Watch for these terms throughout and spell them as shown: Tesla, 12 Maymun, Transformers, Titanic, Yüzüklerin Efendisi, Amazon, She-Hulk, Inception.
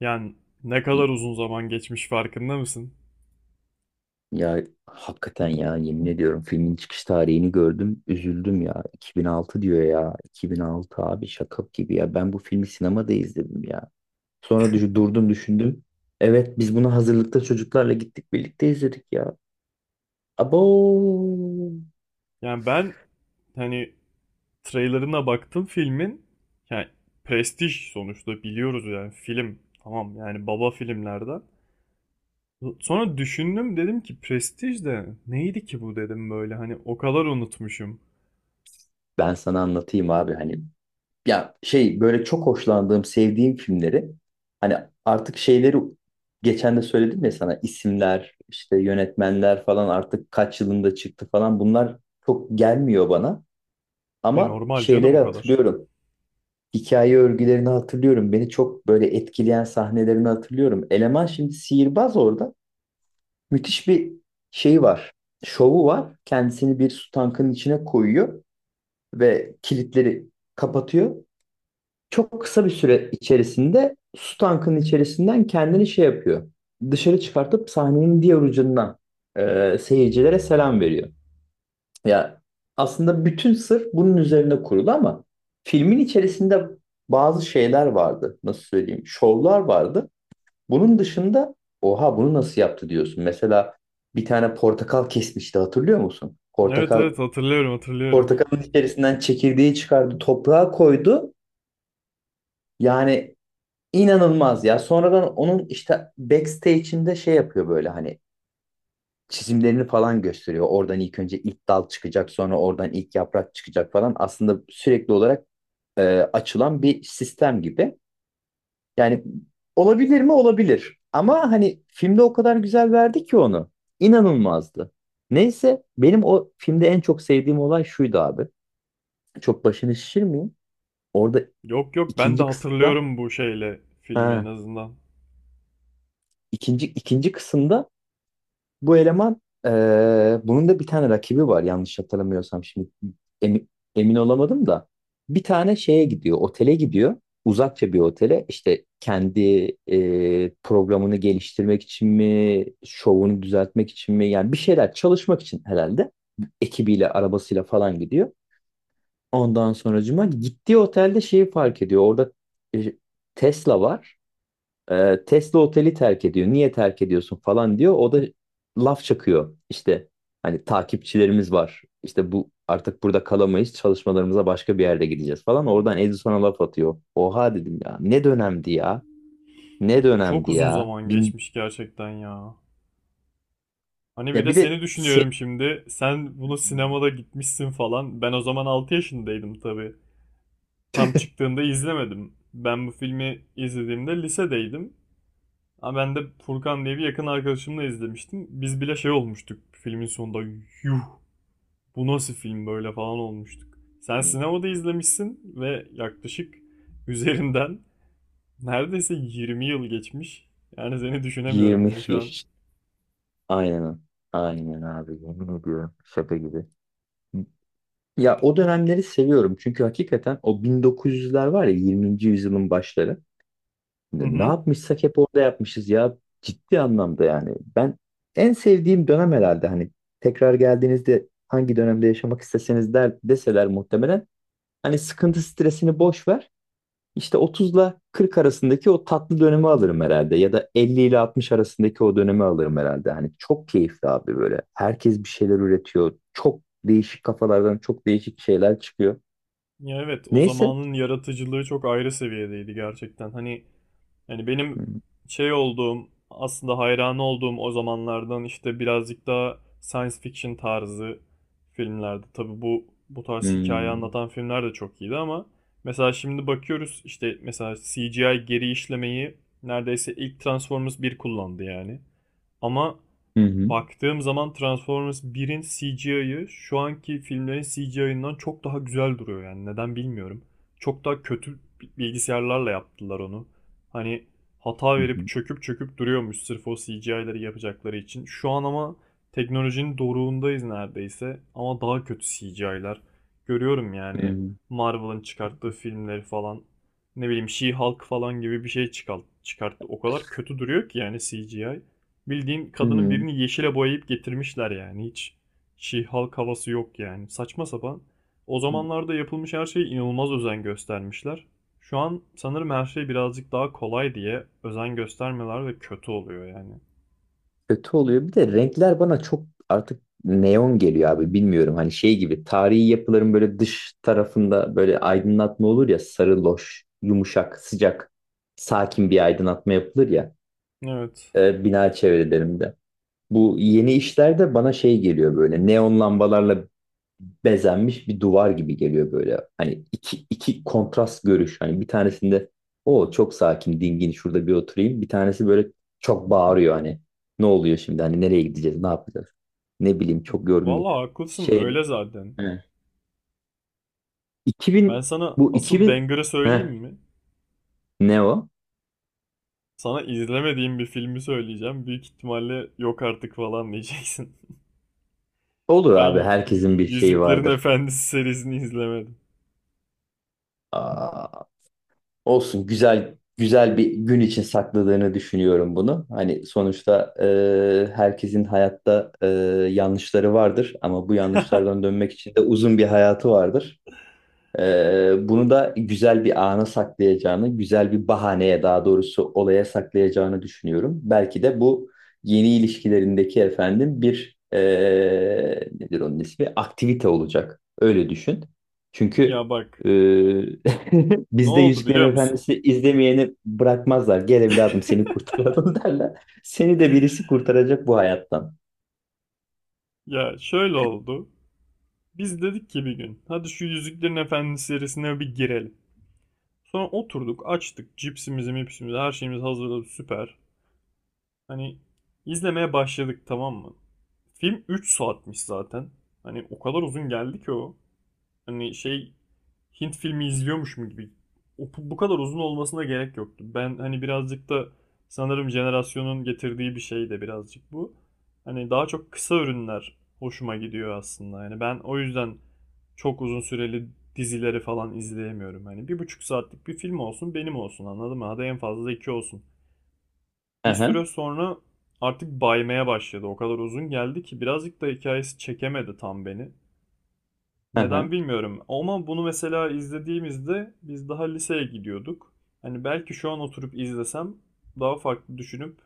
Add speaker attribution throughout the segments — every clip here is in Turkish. Speaker 1: Yani Ne kadar uzun zaman geçmiş farkında mısın?
Speaker 2: Ya hakikaten ya yemin ediyorum filmin çıkış tarihini gördüm üzüldüm ya 2006 diyor ya 2006 abi şaka gibi ya ben bu filmi sinemada izledim ya sonra durdum düşündüm. Evet biz bunu hazırlıkta çocuklarla gittik birlikte izledik ya. Abo.
Speaker 1: Yani ben hani Trailerına baktım filmin. Yani Prestij sonuçta biliyoruz film. Tamam, baba filmlerden. Sonra düşündüm, dedim ki prestij de neydi ki bu, dedim böyle, o kadar unutmuşum.
Speaker 2: Ben sana anlatayım abi hani ya şey böyle çok hoşlandığım, sevdiğim filmleri, hani artık şeyleri, geçen de söyledim ya sana, isimler, işte yönetmenler falan artık kaç yılında çıktı falan, bunlar çok gelmiyor bana.
Speaker 1: E
Speaker 2: Ama
Speaker 1: normal canım
Speaker 2: şeyleri
Speaker 1: o kadar.
Speaker 2: hatırlıyorum. Hikaye örgülerini hatırlıyorum. Beni çok böyle etkileyen sahnelerini hatırlıyorum. Eleman şimdi sihirbaz orada. Müthiş bir şey var. Şovu var. Kendisini bir su tankının içine koyuyor ve kilitleri kapatıyor. Çok kısa bir süre içerisinde su tankının içerisinden kendini şey yapıyor. Dışarı çıkartıp sahnenin diğer ucundan seyircilere selam veriyor. Ya aslında bütün sır bunun üzerine kurulu ama filmin içerisinde bazı şeyler vardı. Nasıl söyleyeyim? Şovlar vardı. Bunun dışında oha bunu nasıl yaptı diyorsun. Mesela bir tane portakal kesmişti, hatırlıyor musun?
Speaker 1: Evet,
Speaker 2: Portakal,
Speaker 1: evet, hatırlıyorum, hatırlıyorum.
Speaker 2: portakalın içerisinden çekirdeği çıkardı, toprağa koydu. Yani İnanılmaz ya. Sonradan onun işte backstage'inde şey yapıyor böyle, hani çizimlerini falan gösteriyor. Oradan ilk önce ilk dal çıkacak, sonra oradan ilk yaprak çıkacak falan. Aslında sürekli olarak e, açılan bir sistem gibi. Yani olabilir mi? Olabilir. Ama hani filmde o kadar güzel verdi ki onu. İnanılmazdı. Neyse benim o filmde en çok sevdiğim olay şuydu abi. Çok başını şişirmeyeyim. Orada
Speaker 1: Yok, yok, ben de
Speaker 2: ikinci kısımda,
Speaker 1: hatırlıyorum bu şeyle filmi en
Speaker 2: ha,
Speaker 1: azından.
Speaker 2: ikinci kısımda bu eleman bunun da bir tane rakibi var yanlış hatırlamıyorsam şimdi, emi- emin olamadım da, bir tane şeye gidiyor, otele gidiyor, uzakça bir otele, işte kendi programını geliştirmek için mi şovunu düzeltmek için mi, yani bir şeyler çalışmak için herhalde ekibiyle arabasıyla falan gidiyor. Ondan sonracıma gittiği otelde şeyi fark ediyor orada, e, Tesla var. Tesla oteli terk ediyor. Niye terk ediyorsun falan diyor. O da laf çakıyor. İşte hani takipçilerimiz var. İşte bu artık burada kalamayız. Çalışmalarımıza başka bir yerde gideceğiz falan. Oradan Edison'a laf atıyor. Oha dedim ya. Ne dönemdi ya. Ne
Speaker 1: Çok
Speaker 2: dönemdi
Speaker 1: uzun
Speaker 2: ya.
Speaker 1: zaman
Speaker 2: Bin...
Speaker 1: geçmiş gerçekten ya. Hani bir
Speaker 2: Ya
Speaker 1: de
Speaker 2: bir de
Speaker 1: seni
Speaker 2: se-
Speaker 1: düşünüyorum şimdi. Sen bunu sinemada gitmişsin falan. Ben o zaman 6 yaşındaydım tabii. Tam çıktığında izlemedim. Ben bu filmi izlediğimde lisedeydim. Ama ben de Furkan diye bir yakın arkadaşımla izlemiştim. Biz bile şey olmuştuk filmin sonunda. Yuh, bu nasıl film böyle falan olmuştuk. Sen sinemada izlemişsin ve yaklaşık üzerinden neredeyse 20 yıl geçmiş. Yani seni düşünemiyorum
Speaker 2: 20
Speaker 1: bile şu an.
Speaker 2: yaş. Aynen. Aynen abi. Yemin ediyorum. Şaka gibi. Ya o dönemleri seviyorum. Çünkü hakikaten o 1900'ler var ya, 20. yüzyılın başları.
Speaker 1: Hı
Speaker 2: Ne
Speaker 1: hı.
Speaker 2: yapmışsak hep orada yapmışız ya. Ciddi anlamda yani. Ben en sevdiğim dönem herhalde, hani tekrar geldiğinizde hangi dönemde yaşamak isteseniz der, deseler, muhtemelen hani sıkıntı stresini boş ver, İşte 30'la 40 arasındaki o tatlı dönemi alırım herhalde, ya da 50 ile 60 arasındaki o dönemi alırım herhalde. Hani çok keyifli abi böyle. Herkes bir şeyler üretiyor. Çok değişik kafalardan çok değişik şeyler çıkıyor.
Speaker 1: Ya evet, o
Speaker 2: Neyse.
Speaker 1: zamanın yaratıcılığı çok ayrı seviyedeydi gerçekten. Hani benim
Speaker 2: Hı
Speaker 1: şey olduğum, aslında hayran olduğum o zamanlardan işte birazcık daha science fiction tarzı filmlerdi. Tabii bu tarz hikaye
Speaker 2: hı.
Speaker 1: anlatan filmler de çok iyiydi ama mesela şimdi bakıyoruz işte, mesela CGI geri işlemeyi neredeyse ilk Transformers bir kullandı yani. Ama
Speaker 2: Hı hı.
Speaker 1: baktığım zaman Transformers 1'in CGI'ı şu anki filmlerin CGI'ından çok daha güzel duruyor yani, neden bilmiyorum. Çok daha kötü bilgisayarlarla yaptılar onu. Hani hata
Speaker 2: Hı
Speaker 1: verip
Speaker 2: hı.
Speaker 1: çöküp duruyormuş sırf o CGI'leri yapacakları için. Şu an ama teknolojinin doruğundayız neredeyse, ama daha kötü CGI'lar. Görüyorum
Speaker 2: Hı
Speaker 1: yani
Speaker 2: hı.
Speaker 1: Marvel'ın çıkarttığı filmleri falan, ne bileyim She-Hulk falan gibi bir şey çıkarttı. O kadar kötü duruyor ki yani CGI. Bildiğin kadının
Speaker 2: Hı
Speaker 1: birini yeşile boyayıp getirmişler yani. Hiç She-Hulk havası yok yani. Saçma sapan. O
Speaker 2: hı.
Speaker 1: zamanlarda yapılmış her şeye inanılmaz özen göstermişler. Şu an sanırım her şey birazcık daha kolay diye özen göstermeler, ve kötü oluyor yani.
Speaker 2: Kötü oluyor. Bir de renkler bana çok artık neon geliyor abi, bilmiyorum. Hani şey gibi, tarihi yapıların böyle dış tarafında böyle aydınlatma olur ya, sarı loş, yumuşak, sıcak, sakin bir aydınlatma yapılır ya
Speaker 1: Evet.
Speaker 2: bina çevrelerinde. Bu yeni işlerde bana şey geliyor böyle, neon lambalarla bezenmiş bir duvar gibi geliyor böyle. Hani iki, iki kontrast görüş. Hani bir tanesinde o çok sakin, dingin, şurada bir oturayım. Bir tanesi böyle çok bağırıyor hani. Ne oluyor şimdi? Hani nereye gideceğiz? Ne yapacağız? Ne bileyim, çok yorgun.
Speaker 1: Vallahi haklısın,
Speaker 2: Şey,
Speaker 1: öyle zaten.
Speaker 2: he.
Speaker 1: Ben
Speaker 2: 2000,
Speaker 1: sana
Speaker 2: bu
Speaker 1: asıl
Speaker 2: 2000.
Speaker 1: banger'ı söyleyeyim
Speaker 2: Heh,
Speaker 1: mi?
Speaker 2: ne o?
Speaker 1: Sana izlemediğim bir filmi söyleyeceğim. Büyük ihtimalle yok artık falan diyeceksin.
Speaker 2: Olur abi,
Speaker 1: Ben
Speaker 2: herkesin bir şeyi
Speaker 1: Yüzüklerin
Speaker 2: vardır.
Speaker 1: Efendisi serisini izlemedim.
Speaker 2: Aa, olsun, güzel güzel bir gün için sakladığını düşünüyorum bunu. Hani sonuçta herkesin hayatta yanlışları vardır, ama bu yanlışlardan dönmek için de uzun bir hayatı vardır. Bunu da güzel bir ana saklayacağını, güzel bir bahaneye, daha doğrusu olaya saklayacağını düşünüyorum. Belki de bu yeni ilişkilerindeki, efendim, bir nedir onun ismi, aktivite olacak. Öyle düşün. Çünkü
Speaker 1: Ya bak.
Speaker 2: ee,
Speaker 1: Ne
Speaker 2: bizde
Speaker 1: oldu
Speaker 2: Yüzüklerin
Speaker 1: biliyor musun?
Speaker 2: Efendisi izlemeyeni bırakmazlar. Gel evladım seni kurtaralım, derler. Seni de birisi kurtaracak bu hayattan.
Speaker 1: Ya şöyle oldu. Biz dedik ki bir gün hadi şu Yüzüklerin Efendisi serisine bir girelim. Sonra oturduk, açtık cipsimizi mipsimizi, her şeyimiz hazırladı, süper. Hani izlemeye başladık, tamam mı? Film 3 saatmiş zaten. Hani o kadar uzun geldi ki o. Hani, Hint filmi izliyormuşum gibi. O, bu kadar uzun olmasına gerek yoktu. Ben hani birazcık da sanırım jenerasyonun getirdiği bir şey de birazcık bu. Hani daha çok kısa ürünler hoşuma gidiyor aslında. Yani ben o yüzden çok uzun süreli dizileri falan izleyemiyorum. Hani bir buçuk saatlik bir film olsun benim, olsun, anladın mı? Hadi en fazla iki olsun. Bir
Speaker 2: Aha,
Speaker 1: süre sonra artık baymaya başladı. O kadar uzun geldi ki, birazcık da hikayesi çekemedi tam beni.
Speaker 2: aha.
Speaker 1: Neden bilmiyorum. Ama bunu mesela izlediğimizde biz daha liseye gidiyorduk. Hani belki şu an oturup izlesem daha farklı düşünüp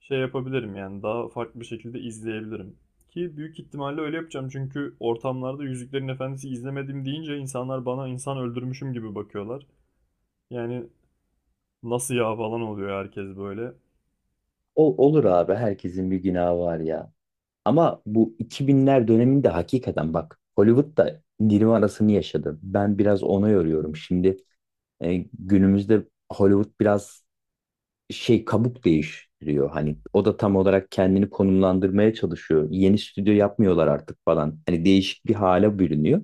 Speaker 1: şey yapabilirim, yani daha farklı bir şekilde izleyebilirim. Ki büyük ihtimalle öyle yapacağım, çünkü ortamlarda Yüzüklerin Efendisi izlemedim deyince insanlar bana insan öldürmüşüm gibi bakıyorlar. Yani nasıl ya falan oluyor herkes böyle.
Speaker 2: O, olur abi, herkesin bir günahı var ya. Ama bu 2000'ler döneminde hakikaten bak, Hollywood da Nirvana'sını yaşadı. Ben biraz ona yoruyorum. Şimdi günümüzde Hollywood biraz şey, kabuk değiştiriyor. Hani o da tam olarak kendini konumlandırmaya çalışıyor. Yeni stüdyo yapmıyorlar artık falan. Hani değişik bir hale bürünüyor.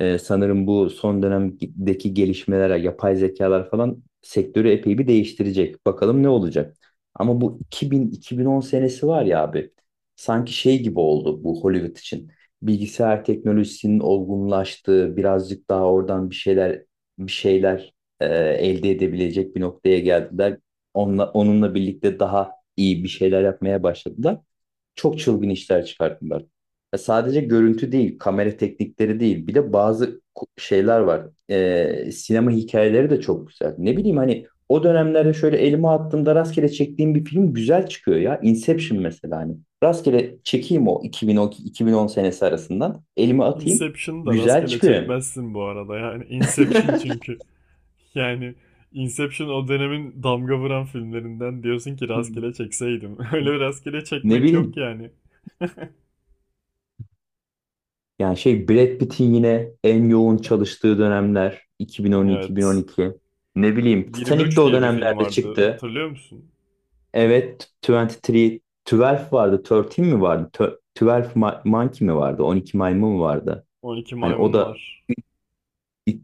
Speaker 2: Sanırım bu son dönemdeki gelişmeler, yapay zekalar falan sektörü epey bir değiştirecek. Bakalım ne olacak. Ama bu 2000-2010 senesi var ya abi, sanki şey gibi oldu bu Hollywood için. Bilgisayar teknolojisinin olgunlaştığı, birazcık daha oradan bir şeyler, bir şeyler elde edebilecek bir noktaya geldiler. Onunla birlikte daha iyi bir şeyler yapmaya başladılar, çok çılgın işler çıkarttılar. Ya sadece görüntü değil, kamera teknikleri değil. Bir de bazı şeyler var. Sinema hikayeleri de çok güzel. Ne bileyim, hani o dönemlerde şöyle elime attığımda rastgele çektiğim bir film güzel çıkıyor ya. Inception mesela, hani. Rastgele çekeyim o 2012-2010 senesi arasından. Elime atayım.
Speaker 1: Inception'ı da
Speaker 2: Güzel
Speaker 1: rastgele
Speaker 2: çıkıyor.
Speaker 1: çekmezsin bu arada, yani Inception çünkü. Yani Inception o dönemin damga vuran filmlerinden, diyorsun ki
Speaker 2: Hı.
Speaker 1: rastgele çekseydim. Öyle bir rastgele
Speaker 2: Ne
Speaker 1: çekmek yok
Speaker 2: bileyim.
Speaker 1: yani.
Speaker 2: Yani şey, Brad Pitt'in yine en yoğun çalıştığı dönemler
Speaker 1: Evet.
Speaker 2: 2010-2012. Ne bileyim, Titanic de
Speaker 1: 23
Speaker 2: o
Speaker 1: diye bir film
Speaker 2: dönemlerde
Speaker 1: vardı.
Speaker 2: çıktı.
Speaker 1: Hatırlıyor musun?
Speaker 2: Evet, 23, 12 vardı, 13 mi vardı? Tö- 12 Ma- Monkey mi vardı? 12 Maymun mu vardı?
Speaker 1: 12
Speaker 2: Hani o
Speaker 1: Maymun
Speaker 2: da
Speaker 1: var.
Speaker 2: it-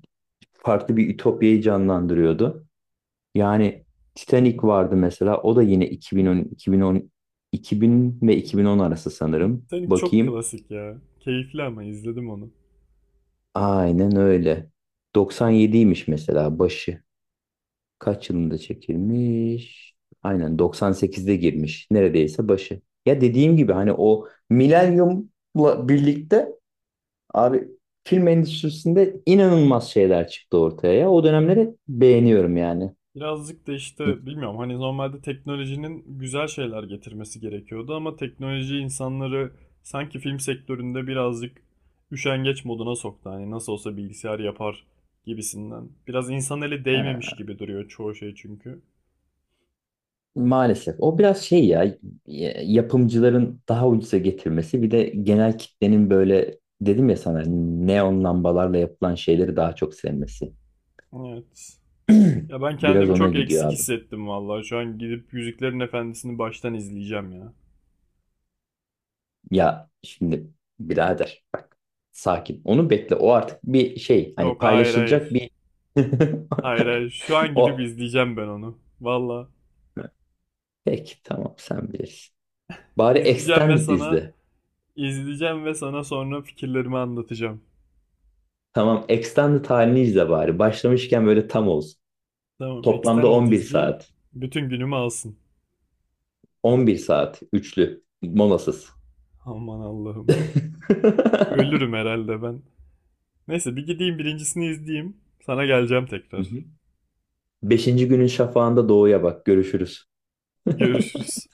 Speaker 2: farklı bir ütopyayı canlandırıyordu. Yani Titanic vardı mesela. O da yine 2010, 2010, 2000 ve 2010 arası sanırım.
Speaker 1: Senin çok
Speaker 2: Bakayım.
Speaker 1: klasik ya. Keyifli ama izledim onu.
Speaker 2: Aynen öyle. 97'ymiş mesela başı. Kaç yılında çekilmiş? Aynen 98'de girmiş. Neredeyse başı. Ya dediğim gibi, hani o milenyumla birlikte abi, film endüstrisinde inanılmaz şeyler çıktı ortaya ya. O dönemleri beğeniyorum yani.
Speaker 1: Birazcık da işte bilmiyorum, hani normalde teknolojinin güzel şeyler getirmesi gerekiyordu, ama teknoloji insanları sanki film sektöründe birazcık üşengeç moduna soktu. Hani nasıl olsa bilgisayar yapar gibisinden. Biraz insan eli değmemiş
Speaker 2: Ha,
Speaker 1: gibi duruyor çoğu şey çünkü.
Speaker 2: maalesef. O biraz şey ya, yapımcıların daha ucuza getirmesi, bir de genel kitlenin, böyle dedim ya sana, neon lambalarla yapılan şeyleri daha çok sevmesi.
Speaker 1: Evet. Ya ben
Speaker 2: Biraz
Speaker 1: kendimi
Speaker 2: ona
Speaker 1: çok
Speaker 2: gidiyor
Speaker 1: eksik
Speaker 2: abi.
Speaker 1: hissettim vallahi. Şu an gidip Yüzüklerin Efendisi'ni baştan izleyeceğim ya.
Speaker 2: Ya şimdi birader bak, sakin. Onu bekle. O artık bir şey, hani
Speaker 1: Yok, hayır,
Speaker 2: paylaşılacak
Speaker 1: hayır.
Speaker 2: bir
Speaker 1: Hayır, hayır. Şu an gidip
Speaker 2: o.
Speaker 1: izleyeceğim ben onu. Valla.
Speaker 2: Peki, tamam, sen bilirsin. Bari
Speaker 1: izleyeceğim ve
Speaker 2: Extended
Speaker 1: sana
Speaker 2: izle.
Speaker 1: İzleyeceğim ve sana sonra fikirlerimi anlatacağım.
Speaker 2: Tamam Extended halini izle bari. Başlamışken böyle tam olsun.
Speaker 1: Tamam,
Speaker 2: Toplamda
Speaker 1: Extended
Speaker 2: 11
Speaker 1: izleyeyim.
Speaker 2: saat.
Speaker 1: Bütün günümü alsın.
Speaker 2: 11 saat üçlü molasız.
Speaker 1: Aman Allah'ım.
Speaker 2: Hı
Speaker 1: Ölürüm herhalde ben. Neyse bir gideyim birincisini izleyeyim. Sana geleceğim
Speaker 2: hı.
Speaker 1: tekrar.
Speaker 2: Beşinci günün şafağında doğuya bak. Görüşürüz.
Speaker 1: Görüşürüz.